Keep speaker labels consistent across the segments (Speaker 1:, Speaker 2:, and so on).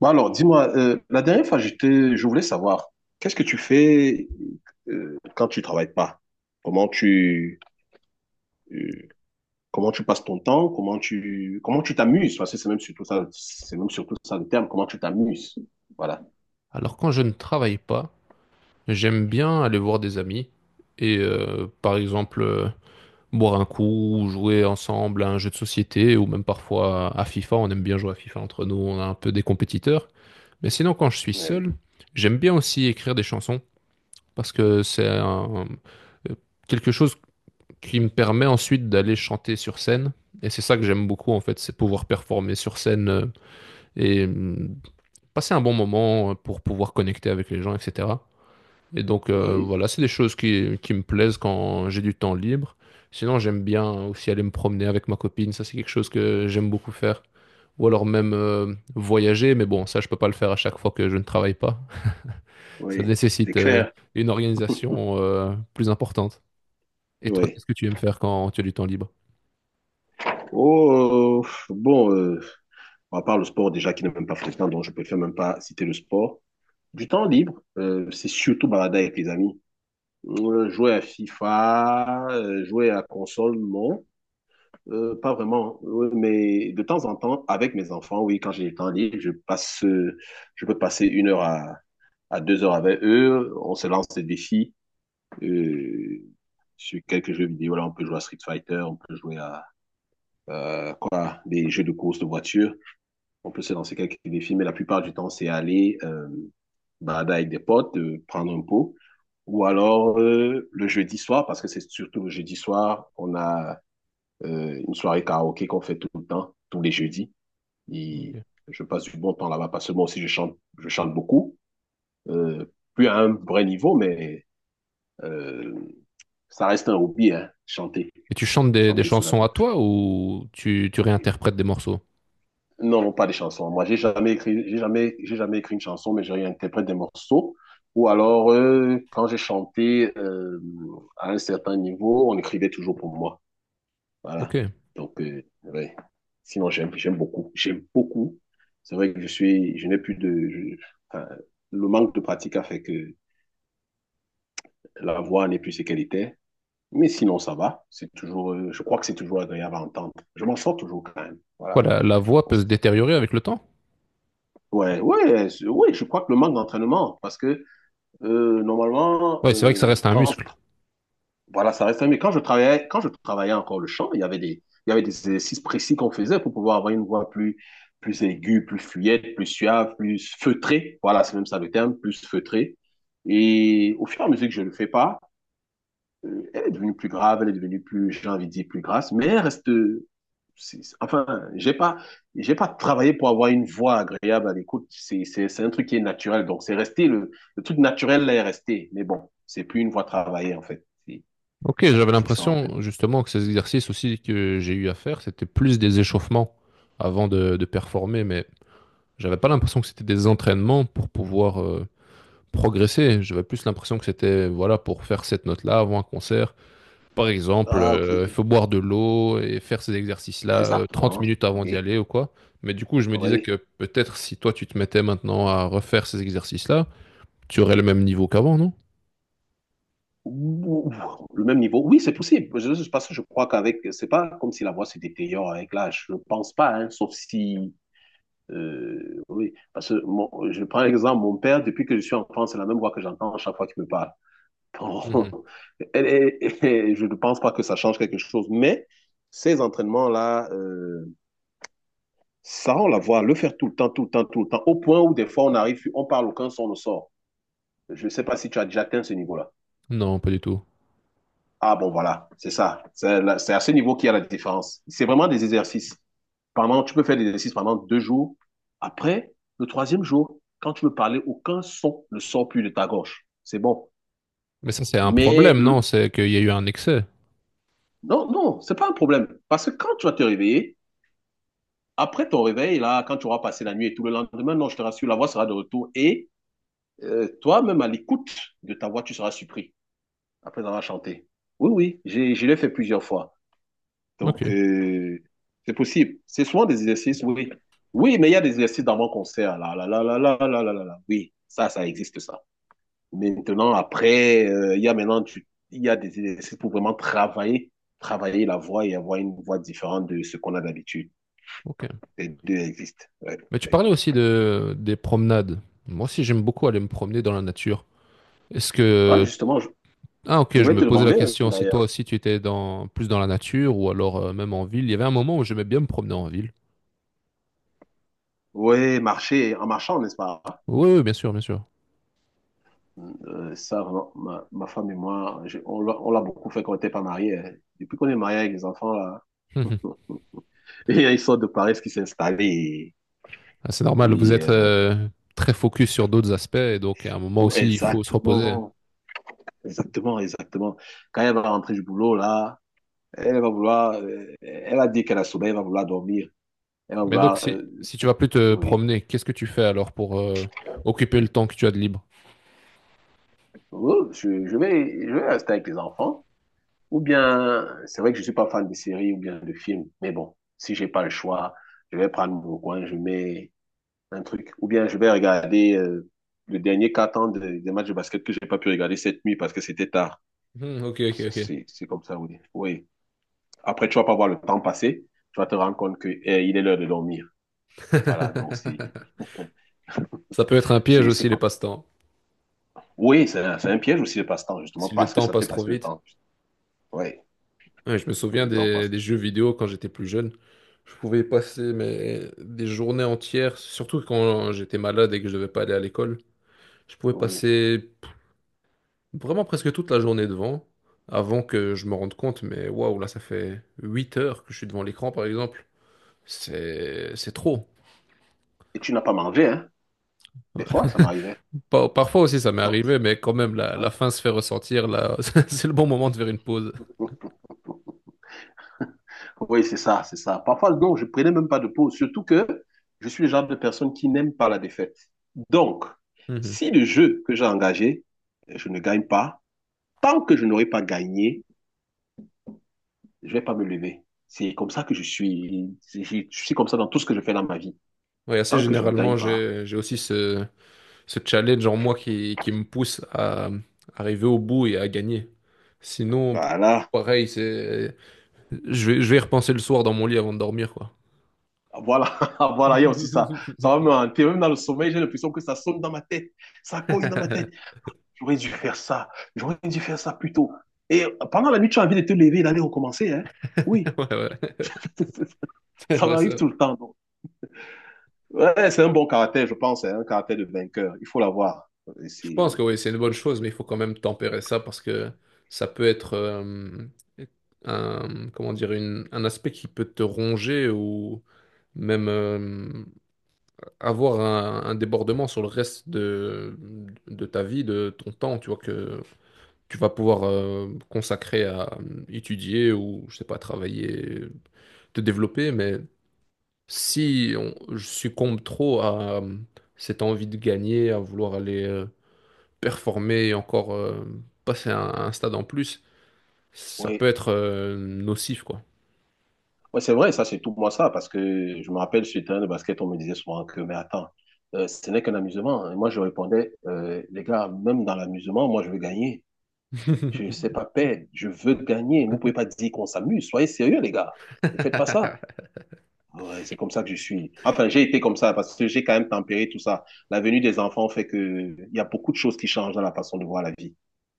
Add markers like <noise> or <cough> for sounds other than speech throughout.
Speaker 1: Bon, alors, dis-moi, la dernière fois, je voulais savoir, qu'est-ce que tu fais quand tu travailles pas? Comment tu, euh, comment tu passes ton temps? Comment tu t'amuses? Parce que c'est même surtout ça, c'est même surtout ça le terme, comment tu t'amuses? Voilà.
Speaker 2: Alors quand je ne travaille pas, j'aime bien aller voir des amis et par exemple, boire un coup, ou jouer ensemble à un jeu de société ou même parfois à FIFA. On aime bien jouer à FIFA entre nous, on a un peu des compétiteurs. Mais sinon quand je suis
Speaker 1: Oui,
Speaker 2: seul, j'aime bien aussi écrire des chansons parce que euh, quelque chose qui me permet ensuite d'aller chanter sur scène. Et c'est ça que j'aime beaucoup en fait, c'est pouvoir performer sur scène, et passer un bon moment, pour pouvoir connecter avec les gens, etc. Et donc,
Speaker 1: oui,
Speaker 2: voilà, c'est des choses qui me plaisent quand j'ai du temps libre. Sinon, j'aime bien aussi aller me promener avec ma copine, ça c'est quelque chose que j'aime beaucoup faire. Ou alors même, voyager, mais bon, ça je peux pas le faire à chaque fois que je ne travaille pas. <laughs> Ça
Speaker 1: oui, c'est
Speaker 2: nécessite
Speaker 1: clair.
Speaker 2: une organisation plus importante. Et toi,
Speaker 1: Oui.
Speaker 2: qu'est-ce que tu aimes faire quand tu as du temps libre?
Speaker 1: Oh, bon, à part le sport déjà qui n'est même pas fréquent, donc je préfère même pas citer le sport. Du temps libre, c'est surtout balada avec les amis. Jouer à FIFA, jouer à console, non. Pas vraiment. Oui, mais de temps en temps, avec mes enfants, oui, quand j'ai le temps libre, je peux passer une heure à deux heures avec eux. On se lance des défis euh, sur quelques jeux vidéo. Là, on peut jouer à Street Fighter, on peut jouer à quoi, des jeux de course de voiture. On peut se lancer quelques défis, mais la plupart du temps, c'est aller balader avec des potes, prendre un pot. Ou alors le jeudi soir, parce que c'est surtout le jeudi soir, on a une soirée karaoké qu'on fait tout le temps, tous les jeudis. Et
Speaker 2: Ok.
Speaker 1: je passe du bon temps là-bas, parce que moi aussi, je chante beaucoup. Euh, plus à un vrai niveau, mais euh, ça reste un hobby, hein, chanter,
Speaker 2: Et tu chantes des
Speaker 1: chanter sous la
Speaker 2: chansons à
Speaker 1: douche.
Speaker 2: toi ou tu réinterprètes des morceaux?
Speaker 1: Non, non, pas des chansons. Moi, j'ai jamais écrit une chanson, mais je réinterprète des morceaux. Ou alors, quand j'ai chanté à un certain niveau, on écrivait toujours pour moi.
Speaker 2: Ok.
Speaker 1: Voilà. Donc, ouais. Sinon, j'aime, j'aime beaucoup. J'aime beaucoup. C'est vrai que je suis, je n'ai plus de, je- enfin, le manque de pratique a fait que la voix n'est plus ce qu'elle était. Mais sinon, ça va. C'est toujours, je crois que c'est toujours agréable à entendre. Je m'en sors toujours quand même.
Speaker 2: Quoi,
Speaker 1: Voilà.
Speaker 2: la voix
Speaker 1: Bon,
Speaker 2: peut se détériorer avec le temps?
Speaker 1: Ouais, ouais, je crois que le manque d'entraînement, parce que normalement,
Speaker 2: Ouais, c'est vrai que ça reste un muscle.
Speaker 1: voilà, mais quand je travaillais encore le chant, il y avait des exercices précis qu'on faisait pour pouvoir avoir une voix plus, plus aiguë, plus fluette, plus suave, plus feutrée. Voilà, c'est même ça le terme, plus feutrée. Et au fur et à mesure que je ne le fais pas, elle est devenue plus grave, elle est devenue plus, j'ai envie de dire, plus grasse, mais elle reste. Enfin, j'ai pas travaillé pour avoir une voix agréable à l'écoute. C'est un truc qui est naturel. Donc, c'est resté, le truc naturel là est resté. Mais bon, c'est plus une voix travaillée, en fait. C'est
Speaker 2: Ok, j'avais
Speaker 1: c'est ça, en fait.
Speaker 2: l'impression justement que ces exercices aussi que j'ai eu à faire, c'était plus des échauffements avant de performer, mais j'avais pas l'impression que c'était des entraînements pour pouvoir progresser. J'avais plus l'impression que c'était voilà pour faire cette note-là avant un concert. Par exemple,
Speaker 1: Ah, ok.
Speaker 2: il faut boire de l'eau et faire ces exercices-là, 30
Speaker 1: Exactement.
Speaker 2: minutes avant d'y
Speaker 1: Oui.
Speaker 2: aller ou quoi. Mais du coup, je me disais
Speaker 1: Oui.
Speaker 2: que peut-être si toi tu te mettais maintenant à refaire ces exercices-là, tu aurais le même niveau qu'avant, non?
Speaker 1: Ouh, le même niveau. Oui, c'est possible. Parce que je crois qu'avec, c'est pas comme si la voix se détériore avec l'âge. Je ne pense pas, hein, sauf si. Oui, parce que je prends l'exemple, mon père, depuis que je suis enfant, c'est la même voix que j'entends à chaque fois qu'il me parle. Bon,
Speaker 2: Mhm.
Speaker 1: <laughs> et <laughs> je ne pense pas que ça change quelque chose, mais ces entraînements-là, ça, on la voit, le faire tout le temps, tout le temps, tout le temps, au point où des fois on arrive, on parle, aucun son ne sort. Je ne sais pas si tu as déjà atteint ce niveau-là.
Speaker 2: Non, pas du tout.
Speaker 1: Ah bon, voilà, c'est ça. C'est à ce niveau qu'il y a la différence. C'est vraiment des exercices. Tu peux faire des exercices pendant deux jours. Après, le troisième jour, quand tu veux parler, aucun son ne sort plus de ta gorge. C'est bon.
Speaker 2: Mais ça, c'est un
Speaker 1: Mais
Speaker 2: problème, non?
Speaker 1: le...
Speaker 2: C'est qu'il y a eu un excès.
Speaker 1: non, non, c'est pas un problème. Parce que quand tu vas te réveiller, après ton réveil, là, quand tu auras passé la nuit et tout le lendemain, non, je te rassure, la voix sera de retour et toi-même à l'écoute de ta voix, tu seras surpris après avoir chanté. Oui, oui, je l'ai fait plusieurs fois.
Speaker 2: Ok,
Speaker 1: Donc, c'est possible. C'est souvent des exercices, oui. Oui, mais il y a des exercices dans mon concert. Là, là, là, là, là, là, là, là, là. Oui, ça existe, ça. Maintenant, après, il y a maintenant il y a des exercices pour vraiment travailler la voix et avoir une voix différente de ce qu'on a d'habitude.
Speaker 2: ok.
Speaker 1: Les deux existent. Ouais.
Speaker 2: Mais tu parlais aussi des promenades. Moi aussi, j'aime beaucoup aller me promener dans la nature. Est-ce
Speaker 1: Ouais,
Speaker 2: que...
Speaker 1: justement, je,
Speaker 2: Ah,
Speaker 1: je
Speaker 2: ok, je
Speaker 1: voulais
Speaker 2: me
Speaker 1: te
Speaker 2: posais la
Speaker 1: demander,
Speaker 2: question si toi
Speaker 1: d'ailleurs.
Speaker 2: aussi tu étais dans, plus dans la nature ou alors, même en ville. Il y avait un moment où j'aimais bien me promener en ville.
Speaker 1: Oui, marcher en marchant, n'est-ce pas?
Speaker 2: Oui, oui, bien sûr, bien sûr.
Speaker 1: Ça, vraiment, ma femme et moi, on l'a beaucoup fait quand on n'était pas mariés, hein. Depuis qu'on est mariés avec les enfants, là,
Speaker 2: Hum, hum.
Speaker 1: <laughs> et il y a une sorte de paresse qui s'est installée.
Speaker 2: Ah, c'est normal, vous
Speaker 1: Et,
Speaker 2: êtes,
Speaker 1: euh,
Speaker 2: très focus sur d'autres aspects, et donc à un moment
Speaker 1: oh,
Speaker 2: aussi, il faut se reposer.
Speaker 1: exactement, exactement, exactement. Quand elle va rentrer du boulot, là, elle va vouloir, elle a dit qu'elle a sommeil, elle va vouloir dormir. Elle va
Speaker 2: Mais donc,
Speaker 1: vouloir,
Speaker 2: si tu vas plus te
Speaker 1: oui.
Speaker 2: promener, qu'est-ce que tu fais alors pour occuper le temps que tu as de libre?
Speaker 1: Oh, je vais rester avec les enfants. Ou bien, c'est vrai que je suis pas fan de séries ou bien de films, mais bon, si j'ai pas le choix, je vais prendre mon coin, je mets un truc. Ou bien, je vais regarder le dernier quart temps des matchs de basket que j'ai pas pu regarder cette nuit parce que c'était tard.
Speaker 2: Hmm, ok, ok,
Speaker 1: Ça,
Speaker 2: ok.
Speaker 1: c'est comme ça, oui. Oui. Après, tu vas pas voir le temps passer. Tu vas te rendre compte que, eh, il est l'heure de dormir. Voilà.
Speaker 2: <laughs> Ça peut être un piège
Speaker 1: C'est c'est
Speaker 2: aussi, les
Speaker 1: co-
Speaker 2: passe-temps.
Speaker 1: Oui, c'est un piège aussi le passe-temps, justement,
Speaker 2: Si le
Speaker 1: parce que
Speaker 2: temps
Speaker 1: ça fait
Speaker 2: passe trop
Speaker 1: passer le
Speaker 2: vite.
Speaker 1: temps. Oui,
Speaker 2: Ouais, je me souviens
Speaker 1: le temps passe.
Speaker 2: des jeux vidéo quand j'étais plus jeune. Je pouvais passer mais, des journées entières, surtout quand j'étais malade et que je devais pas aller à l'école. Je pouvais
Speaker 1: Oui.
Speaker 2: vraiment presque toute la journée devant, avant que je me rende compte. Mais waouh, là, ça fait 8 heures que je suis devant l'écran, par exemple. C'est trop.
Speaker 1: Et tu n'as pas mangé, hein? Des
Speaker 2: Ouais.
Speaker 1: fois, ça m'arrivait.
Speaker 2: Parfois aussi, ça m'est
Speaker 1: Sans-
Speaker 2: arrivé, mais quand même, la
Speaker 1: ouais.
Speaker 2: faim se fait ressentir. Là, <laughs> c'est le bon moment de faire une pause.
Speaker 1: Oui, c'est ça, c'est ça. Parfois, non, je prenais même pas de pause, surtout que je suis le genre de personne qui n'aime pas la défaite. Donc,
Speaker 2: Mhm.
Speaker 1: si le jeu que j'ai engagé, je ne gagne pas, tant que je n'aurai pas gagné, je vais pas me lever. C'est comme ça que je suis. Je suis comme ça dans tout ce que je fais dans ma vie.
Speaker 2: Oui, assez
Speaker 1: Tant que je ne gagne
Speaker 2: généralement,
Speaker 1: pas.
Speaker 2: j'ai aussi ce challenge en moi qui me pousse à arriver au bout et à gagner. Sinon,
Speaker 1: Voilà.
Speaker 2: pareil, c'est, je vais y repenser le soir dans mon lit avant de dormir, quoi.
Speaker 1: Voilà, <laughs> voilà, il y a aussi ça. Ça va me hanter. Même dans le sommeil, j'ai l'impression que ça sonne dans ma tête. Ça cogne dans ma tête.
Speaker 2: <laughs>
Speaker 1: J'aurais dû faire ça. J'aurais dû faire ça plus tôt. Et pendant la nuit, tu as envie de te lever et d'aller recommencer. Hein? Oui,
Speaker 2: Ouais, ouais. <laughs>
Speaker 1: <laughs>
Speaker 2: C'est
Speaker 1: ça
Speaker 2: vrai,
Speaker 1: m'arrive
Speaker 2: ça.
Speaker 1: tout le temps. Donc. Ouais, c'est un bon caractère, je pense. C'est un caractère de vainqueur. Il faut l'avoir.
Speaker 2: Je pense que
Speaker 1: C'est...
Speaker 2: oui, c'est une bonne chose, mais il faut quand même tempérer ça parce que ça peut être, comment dire, un aspect qui peut te ronger ou même, avoir un débordement sur le reste de ta vie, de ton temps, tu vois, que tu vas pouvoir, consacrer à étudier ou, je sais pas, travailler, te développer. Mais si on- je succombe trop à, cette envie de gagner, à vouloir aller, performer et encore, passer un stade en plus, ça
Speaker 1: oui.
Speaker 2: peut être, nocif, quoi.
Speaker 1: Ouais, c'est vrai, ça, c'est tout moi ça, parce que je me rappelle sur le terrain de basket, on me disait souvent que, mais attends, ce n'est qu'un amusement. Et moi, je répondais, les gars, même dans l'amusement, moi, je veux gagner. Je ne sais
Speaker 2: <laughs>
Speaker 1: pas perdre, je veux gagner. Vous ne pouvez pas dire qu'on s'amuse. Soyez sérieux, les gars. Ne faites pas ça. Ouais, c'est comme ça que je suis. Enfin, j'ai été comme ça parce que j'ai quand même tempéré tout ça. La venue des enfants fait que il y a beaucoup de choses qui changent dans la façon de voir la vie.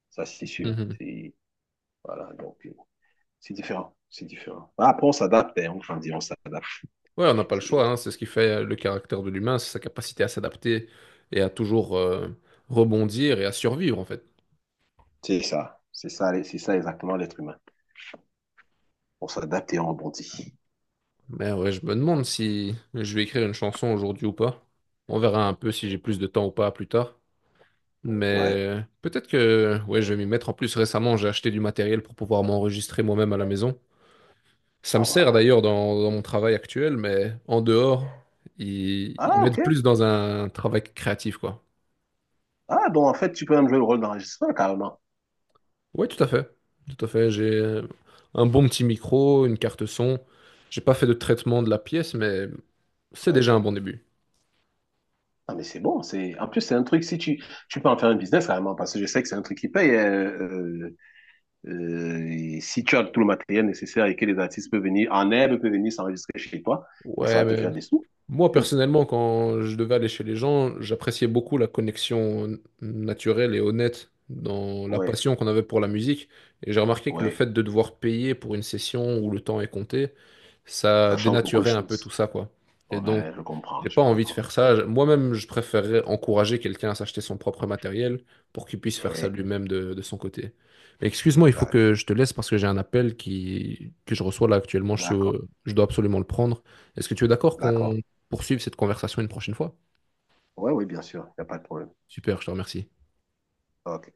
Speaker 1: Ça, c'est sûr.
Speaker 2: Mhm.
Speaker 1: Voilà, donc, c'est différent. C'est différent. Après, on s'adapte, hein. Enfin, on grandit, on s'adapte.
Speaker 2: Ouais, on n'a pas le
Speaker 1: C'est-
Speaker 2: choix, hein. C'est ce qui fait le caractère de l'humain, c'est sa capacité à s'adapter et à toujours, rebondir et à survivre en fait.
Speaker 1: C'est ça. C'est ça, c'est ça exactement l'être humain. On s'adapte et on rebondit.
Speaker 2: Mais ouais, je me demande si je vais écrire une chanson aujourd'hui ou pas. On verra un peu si j'ai plus de temps ou pas plus tard.
Speaker 1: Ouais.
Speaker 2: Mais peut-être que ouais, je vais m'y mettre. En plus, récemment, j'ai acheté du matériel pour pouvoir m'enregistrer moi-même à la maison. Ça me
Speaker 1: Ah
Speaker 2: sert
Speaker 1: bah.
Speaker 2: d'ailleurs dans mon travail actuel, mais en dehors, ils
Speaker 1: Ah, ok.
Speaker 2: m'aident plus dans un travail créatif, quoi.
Speaker 1: Ah, donc en fait, tu peux même jouer le rôle d'enregistreur carrément.
Speaker 2: Oui, tout à fait. Tout à fait. J'ai un bon petit micro, une carte son. J'ai pas fait de traitement de la pièce, mais c'est
Speaker 1: Ouais.
Speaker 2: déjà un bon début.
Speaker 1: Ah, mais c'est bon. En plus, c'est un truc, si tu... tu peux en faire un business carrément, parce que je sais que c'est un truc qui paye. Et si tu as tout le matériel nécessaire et que les artistes peuvent venir, en herbe, peuvent venir s'enregistrer chez toi, mais ça
Speaker 2: Ouais,
Speaker 1: va te
Speaker 2: mais
Speaker 1: faire des sous.
Speaker 2: moi
Speaker 1: Sûr.
Speaker 2: personnellement, quand je devais aller chez les gens, j'appréciais beaucoup la connexion naturelle et honnête dans la
Speaker 1: Ouais,
Speaker 2: passion qu'on avait pour la musique. Et j'ai remarqué que le
Speaker 1: ouais.
Speaker 2: fait de devoir payer pour une session où le temps est compté, ça
Speaker 1: Ça change beaucoup de
Speaker 2: dénaturait un peu tout
Speaker 1: choses.
Speaker 2: ça, quoi. Et donc,
Speaker 1: Ouais, je comprends,
Speaker 2: j'ai pas
Speaker 1: je
Speaker 2: envie de
Speaker 1: comprends.
Speaker 2: faire ça. Moi-même, je préférerais encourager quelqu'un à s'acheter son propre matériel pour qu'il puisse faire ça
Speaker 1: Ouais,
Speaker 2: lui-même de son côté. Mais excuse-moi, il faut
Speaker 1: ouais.
Speaker 2: que je te laisse parce que j'ai un appel que je reçois là actuellement.
Speaker 1: D'accord,
Speaker 2: Je dois absolument le prendre. Est-ce que tu es d'accord
Speaker 1: d'accord.
Speaker 2: qu'on poursuive cette conversation une prochaine fois?
Speaker 1: Ouais, oui, bien sûr, il n'y a pas de problème.
Speaker 2: Super, je te remercie.
Speaker 1: Ok.